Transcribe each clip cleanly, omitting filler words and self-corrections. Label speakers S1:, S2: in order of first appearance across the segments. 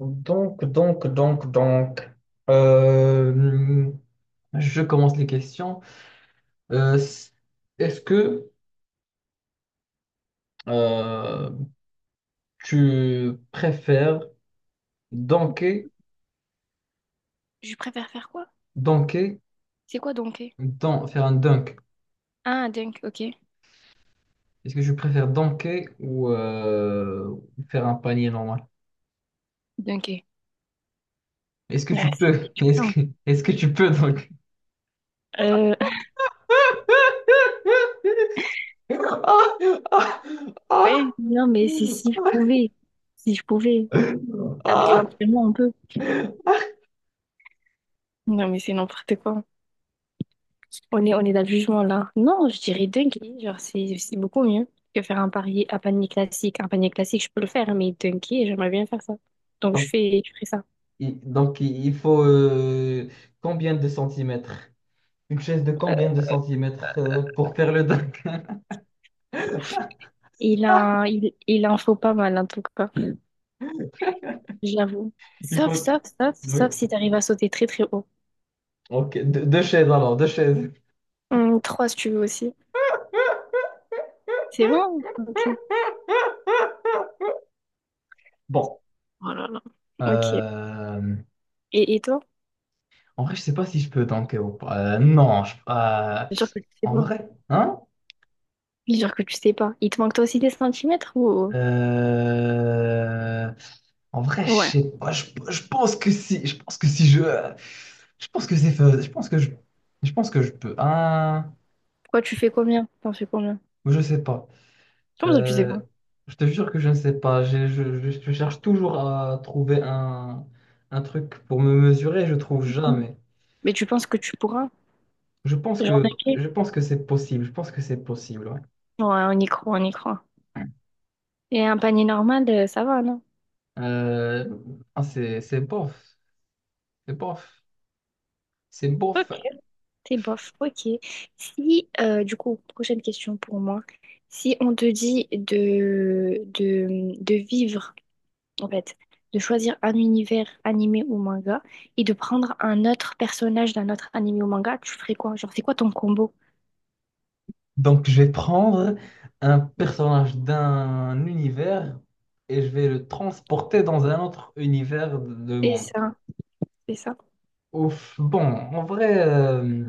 S1: Donc. Euh, je commence les questions. Euh, s- Est-ce que euh, tu préfères dunker,
S2: Je préfère faire quoi?
S1: dunker,
S2: C'est quoi dunker?
S1: faire un dunk?
S2: Ah, dunk, ok.
S1: Est-ce que tu préfères dunker ou faire un panier normal?
S2: Dunker.
S1: Est-ce que
S2: Ah,
S1: tu
S2: c'est
S1: peux?
S2: épuisant.
S1: Est-ce que tu peux dunker?
S2: Euh,
S1: Ah, ah,
S2: ouais, non, mais c'est si je pouvais. Si je pouvais. Avec
S1: ah,
S2: l'entraînement, on peut. Non, mais c'est n'importe quoi. On est dans le jugement, là. Non, je dirais dunker. Genre, c'est beaucoup mieux que faire un panier classique. Un panier classique, je peux le faire, mais dunker, j'aimerais bien faire ça. Donc, je
S1: ah.
S2: fais, je fais ça.
S1: Donc, il faut combien de centimètres? Une chaise de combien de centimètres pour faire le dock?
S2: Il en faut pas mal, en tout cas. J'avoue.
S1: Il
S2: Sauf,
S1: faut.
S2: sauf, sauf, sauf
S1: Oui.
S2: si t'arrives à sauter très, très haut.
S1: Ok, deux chaises alors, deux chaises.
S2: Trois, si tu veux aussi. C'est bon? Ok.
S1: Bon.
S2: Oh là là. Ok.
S1: euh,
S2: Et toi?
S1: En vrai, je sais pas si je peux tanker ou pas. Non,
S2: Jure que tu sais
S1: en
S2: pas.
S1: vrai, hein?
S2: Oui, jure que tu sais pas. Il te manque toi aussi des centimètres ou.
S1: Euh, En vrai, je
S2: Ouais.
S1: sais pas. Je pense que si, je pense que c'est faisable. Je pense que je peux. Hein?
S2: Quoi, tu fais combien? T'en fais combien?
S1: Je sais pas.
S2: Comment ça, tu sais
S1: Euh,
S2: pas?
S1: je te jure que je ne sais pas. Je cherche toujours à trouver un truc pour me mesurer, je trouve
S2: Mhm.
S1: jamais.
S2: Mais tu penses que tu pourras? Genre un pied?
S1: Je pense que c'est possible. Je pense que c'est possible. Ouais.
S2: Ouais, on y croit, on y croit. Et un panier normal, ça va, non?
S1: Euh, c'est bof. C'est bof. C'est
S2: Ok.
S1: bof.
S2: C'est bof, ok. Si, du coup, prochaine question pour moi. Si on te dit de vivre en fait, de choisir un univers animé ou manga et de prendre un autre personnage d'un autre animé ou manga, tu ferais quoi? Genre, c'est quoi ton combo?
S1: Donc, je vais prendre un personnage d'un univers et je vais le transporter dans un autre univers de
S2: C'est
S1: monde.
S2: ça, c'est ça.
S1: Ouf, bon, en vrai.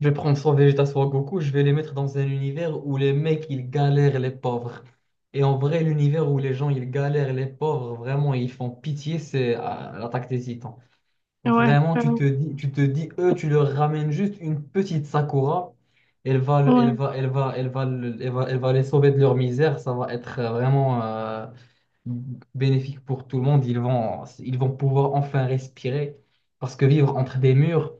S1: Je vais prendre soit Vegeta, soit Goku, je vais les mettre dans un univers où les mecs, ils galèrent les pauvres. Et en vrai, l'univers où les gens, ils galèrent les pauvres, vraiment, ils font pitié, c'est l'attaque des Titans.
S2: Ouais,
S1: Vraiment,
S2: ouais,
S1: tu te dis, eux, tu leur ramènes juste une petite Sakura,
S2: ouais,
S1: elle va, elle va les sauver de leur misère, ça va être vraiment bénéfique pour tout le monde, ils vont pouvoir enfin respirer, parce que vivre entre des murs,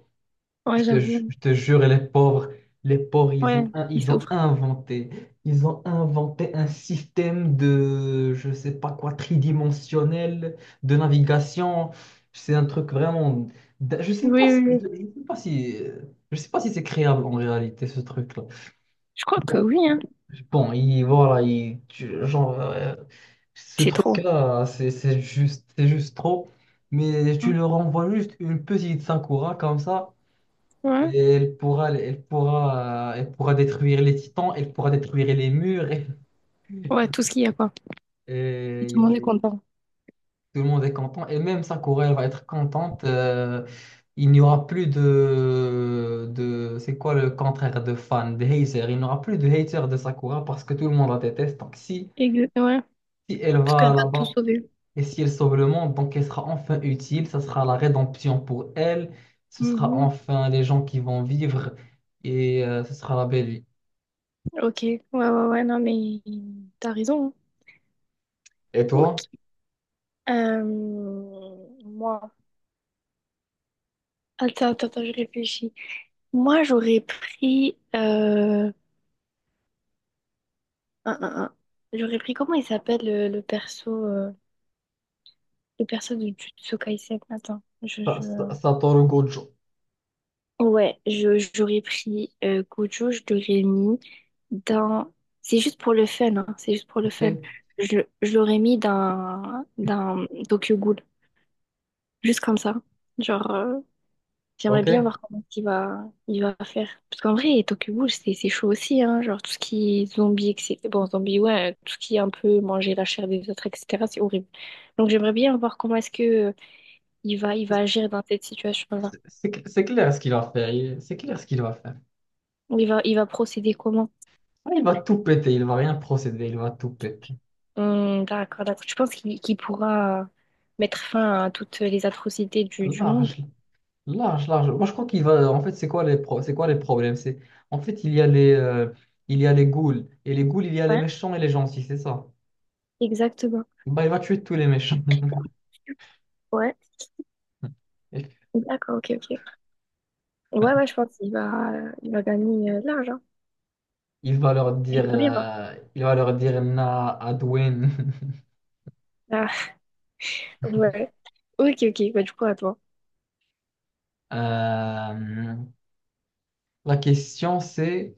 S2: ouais, j'avoue.
S1: je te jure, les pauvres, les pauvres, ils
S2: Ouais,
S1: ont, in-
S2: il
S1: ils ont
S2: souffre.
S1: inventé, ils ont inventé un système de, je sais pas quoi, tridimensionnel de navigation. C'est un truc vraiment, je
S2: Oui,
S1: sais pas
S2: oui,
S1: si,
S2: oui.
S1: je sais pas si, je sais pas si c'est créable en réalité ce truc-là.
S2: Je crois que
S1: Bon,
S2: oui, hein.
S1: bon, voilà, genre, ce
S2: C'est trop.
S1: truc-là, c'est juste trop. Mais tu
S2: Mm.
S1: leur envoies juste une petite Sakura comme ça.
S2: Ouais,
S1: Et elle pourra détruire les titans, elle pourra détruire les murs. Et,
S2: ouais, tout ce qu'il y a, quoi. Et
S1: et
S2: tout le monde
S1: il-
S2: est content.
S1: tout le monde est content. Et même Sakura, elle va être contente. Il n'y aura plus de... C'est quoi le contraire de fan, de hater? Il n'y aura plus de hater de Sakura parce que tout le monde la déteste. Donc si,
S2: Ouais,
S1: si elle
S2: parce qu'elle
S1: va
S2: va tout
S1: là-bas
S2: sauver.
S1: et si elle sauve le monde, donc elle sera enfin utile. Ça sera la rédemption pour elle. Ce sera
S2: Mhm.
S1: enfin les gens qui vont vivre et ce sera la belle vie.
S2: Ok, ouais, ouais, ouais, non, mais t'as raison, hein.
S1: Et toi?
S2: Ok. Euh, Moi, attends, attends, attends, je réfléchis. Moi, j'aurais pris, un, un. J'aurais pris. Comment il s'appelle le perso de Jujutsu Kaisen? Attends, je, je...
S1: Satoru Gojo.
S2: Ouais, j'aurais pris Gojo, je l'aurais mis dans. C'est juste pour le fun, hein, c'est juste pour le
S1: OK?
S2: fun. Je l'aurais mis dans Tokyo Ghoul, juste comme ça. Genre, j'aimerais bien
S1: OK?
S2: voir comment il va faire. Parce qu'en vrai, Tokyo Ghoul, c'est chaud aussi, hein. Genre, tout ce qui est zombie, etc. Bon, zombie, ouais, tout ce qui est un peu manger la chair des autres, etc., c'est horrible. Donc, j'aimerais bien voir comment est-ce que il va agir dans cette situation-là.
S1: C'est clair ce qu'il va faire. C'est clair ce qu'il va faire.
S2: Ou il va procéder comment?
S1: Ah, il va tout péter. Il va rien procéder. Il va tout péter.
S2: D'accord, d'accord. Je pense qu'il pourra mettre fin à toutes les atrocités du monde.
S1: Large. Large, large. Moi, je crois qu'il va. En fait, c'est quoi les problèmes? C'est... En fait, il y a les ghouls. Et les ghouls, il y a les
S2: Ouais,
S1: méchants et les gentils. C'est ça.
S2: exactement.
S1: Bah, il va tuer tous les méchants.
S2: Ouais, d'accord, ok, ok. Ouais, ouais, je pense qu'il va, il va gagner de l'argent.
S1: Il va leur dire,
S2: J'aimerais bien
S1: il va leur dire Na Adwin.
S2: voir. Ouais. Ok, ok. Bah, du coup, à toi.
S1: Euh, la question c'est,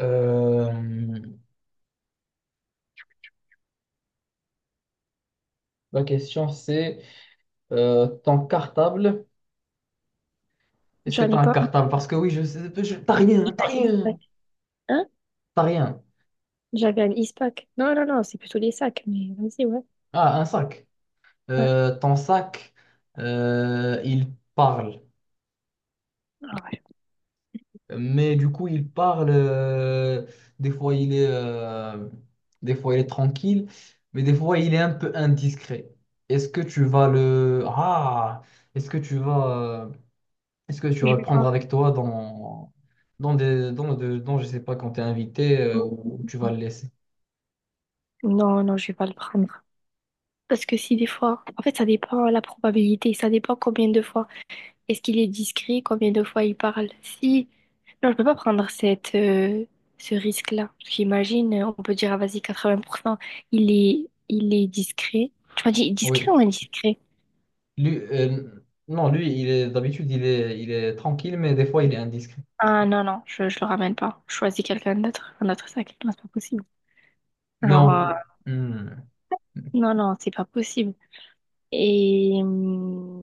S1: euh, La question c'est ton cartable. Est-ce que
S2: J'en
S1: tu as
S2: ai
S1: un
S2: pas un
S1: cartable? Parce que oui, je sais, t'as rien,
S2: à Ispac. Hein?
S1: t'as rien.
S2: J'avais un Ispac. Non, non, non, c'est plutôt les sacs. Mais vas-y, ouais.
S1: Ah, un sac.
S2: Ouais.
S1: Ton sac, il parle.
S2: Ah ouais.
S1: Mais du coup, il parle. Des fois, des fois, il est tranquille, mais des fois, il est un peu indiscret. Est-ce que tu vas le, ah, est-ce que tu vas, euh, Est-ce que tu
S2: Je
S1: vas le
S2: vais
S1: prendre
S2: pas.
S1: avec toi dans, dans, je sais pas, quand tu es invité ou tu vas le laisser?
S2: Non, non, je vais pas le prendre. Parce que si des fois, en fait, ça dépend la probabilité, ça dépend combien de fois. Est-ce qu'il est discret, combien de fois il parle? Si, non, je peux pas prendre ce risque-là. Parce qu'imagine, on peut dire, ah, vas-y, 80 % il est discret. Tu m'as dit discret ou
S1: Oui.
S2: indiscret?
S1: Lui, non, lui, il est tranquille, mais des fois, il est indiscret.
S2: Ah non, non, je le ramène pas. Je choisis quelqu'un d'autre, un autre sac. Non, c'est pas possible.
S1: Mais
S2: Genre,
S1: en, Hmm.
S2: non, non, c'est pas possible. Et.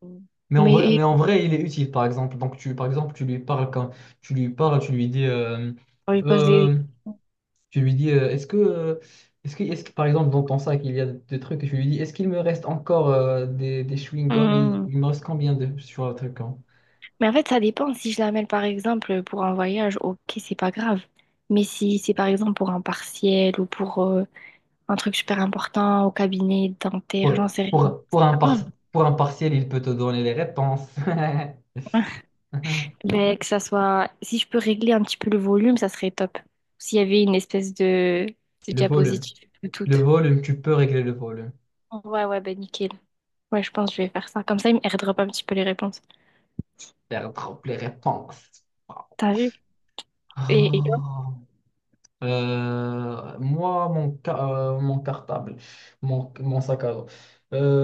S1: Mais en
S2: Mais
S1: vrai, mais
S2: et-
S1: en vrai, il est utile, par exemple. Donc, tu, par exemple, tu lui parles quand tu lui parles, tu lui dis, euh,
S2: on lui pose les.
S1: euh, tu lui dis, est-ce que, est-ce que, par exemple, dans ton sac, il y a des trucs, et tu lui dis, est-ce qu'il me reste encore des chewing-gums et
S2: Hum.
S1: il me reste combien de sur le truc? Hein.
S2: Mais en fait, ça dépend. Si je l'amène, par exemple, pour un voyage, ok, c'est pas grave. Mais si c'est, par exemple, pour un partiel ou pour un truc super important au cabinet dentaire, j'en sais rien.
S1: Pour
S2: Hum.
S1: pour un partiel, il peut te donner les réponses.
S2: Ben, que ça soit. Si je peux régler un petit peu le volume, ça serait top. S'il y avait une espèce de
S1: Le volume.
S2: diapositive tout.
S1: Le volume, tu peux régler le volume.
S2: Ouais, ouais, ben nickel. Ouais, je pense que je vais faire ça. Comme ça, il me airdrop un petit peu les réponses.
S1: Faire drop les réponses.
S2: T'as vu? Et toi?
S1: Oh. Euh, moi, mon, ca- Mon cartable, mon sac à dos.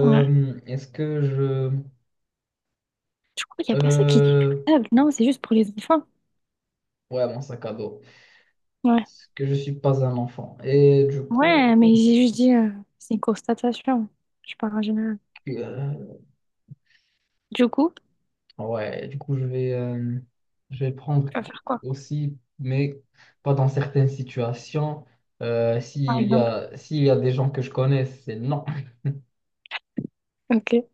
S2: Ouais.
S1: Est-ce que je...
S2: Du coup, il n'y a personne qui dit
S1: euh,
S2: cartable. Non, c'est juste pour les enfants.
S1: ouais, mon sac à dos.
S2: Ouais.
S1: Parce que je suis pas un enfant.
S2: Ouais, mais j'ai juste dit, c'est une constatation. Je parle en général.
S1: Euh,
S2: Du coup,
S1: Ouais, du coup, je vais prendre
S2: tu vas faire quoi,
S1: aussi, mais pas dans certaines situations.
S2: par exemple?
S1: S'il y a des gens que je connais, c'est non.
S2: Ok.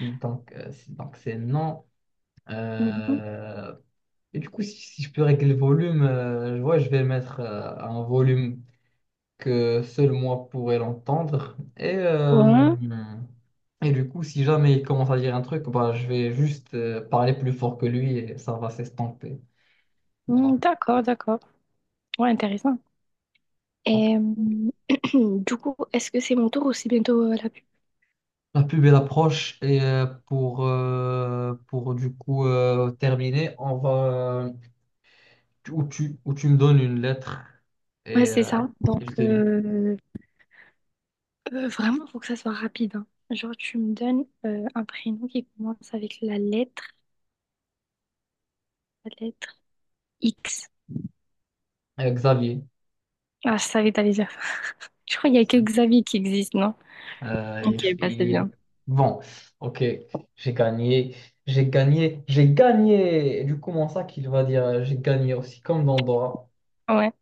S1: Donc c'est non.
S2: Mhm.
S1: Euh, et du coup, si, si je peux régler le volume, je vais mettre un volume que seul moi pourrais l'entendre.
S2: Bon.
S1: Et du coup, si jamais il commence à dire un truc, bah, je vais juste parler plus fort que lui et ça va s'estomper. Bon.
S2: Mm, d'accord, d'accord. Ouais, intéressant. Et du coup, est-ce que c'est mon tour ou c'est bientôt la pub?
S1: La pub elle approche et pour du coup terminer, on va euh, ou tu me donnes une lettre
S2: Ouais,
S1: et,
S2: c'est
S1: euh,
S2: ça.
S1: et
S2: Donc,
S1: je devine.
S2: vraiment, faut que ça soit rapide, hein. Genre, tu me donnes un prénom qui commence avec la lettre X.
S1: Xavier,
S2: Ah, je savais que t'allais dire ça. Je crois qu'il y a que Xavier qui existe, non? Ok, bah
S1: il
S2: c'est
S1: y
S2: bien.
S1: est. Bon, ok, j'ai gagné, j'ai gagné, j'ai gagné. Et du coup, mon sac, il va dire j'ai gagné aussi comme Dandora.
S2: Ouais,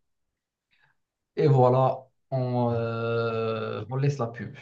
S1: Et voilà, on laisse la pub.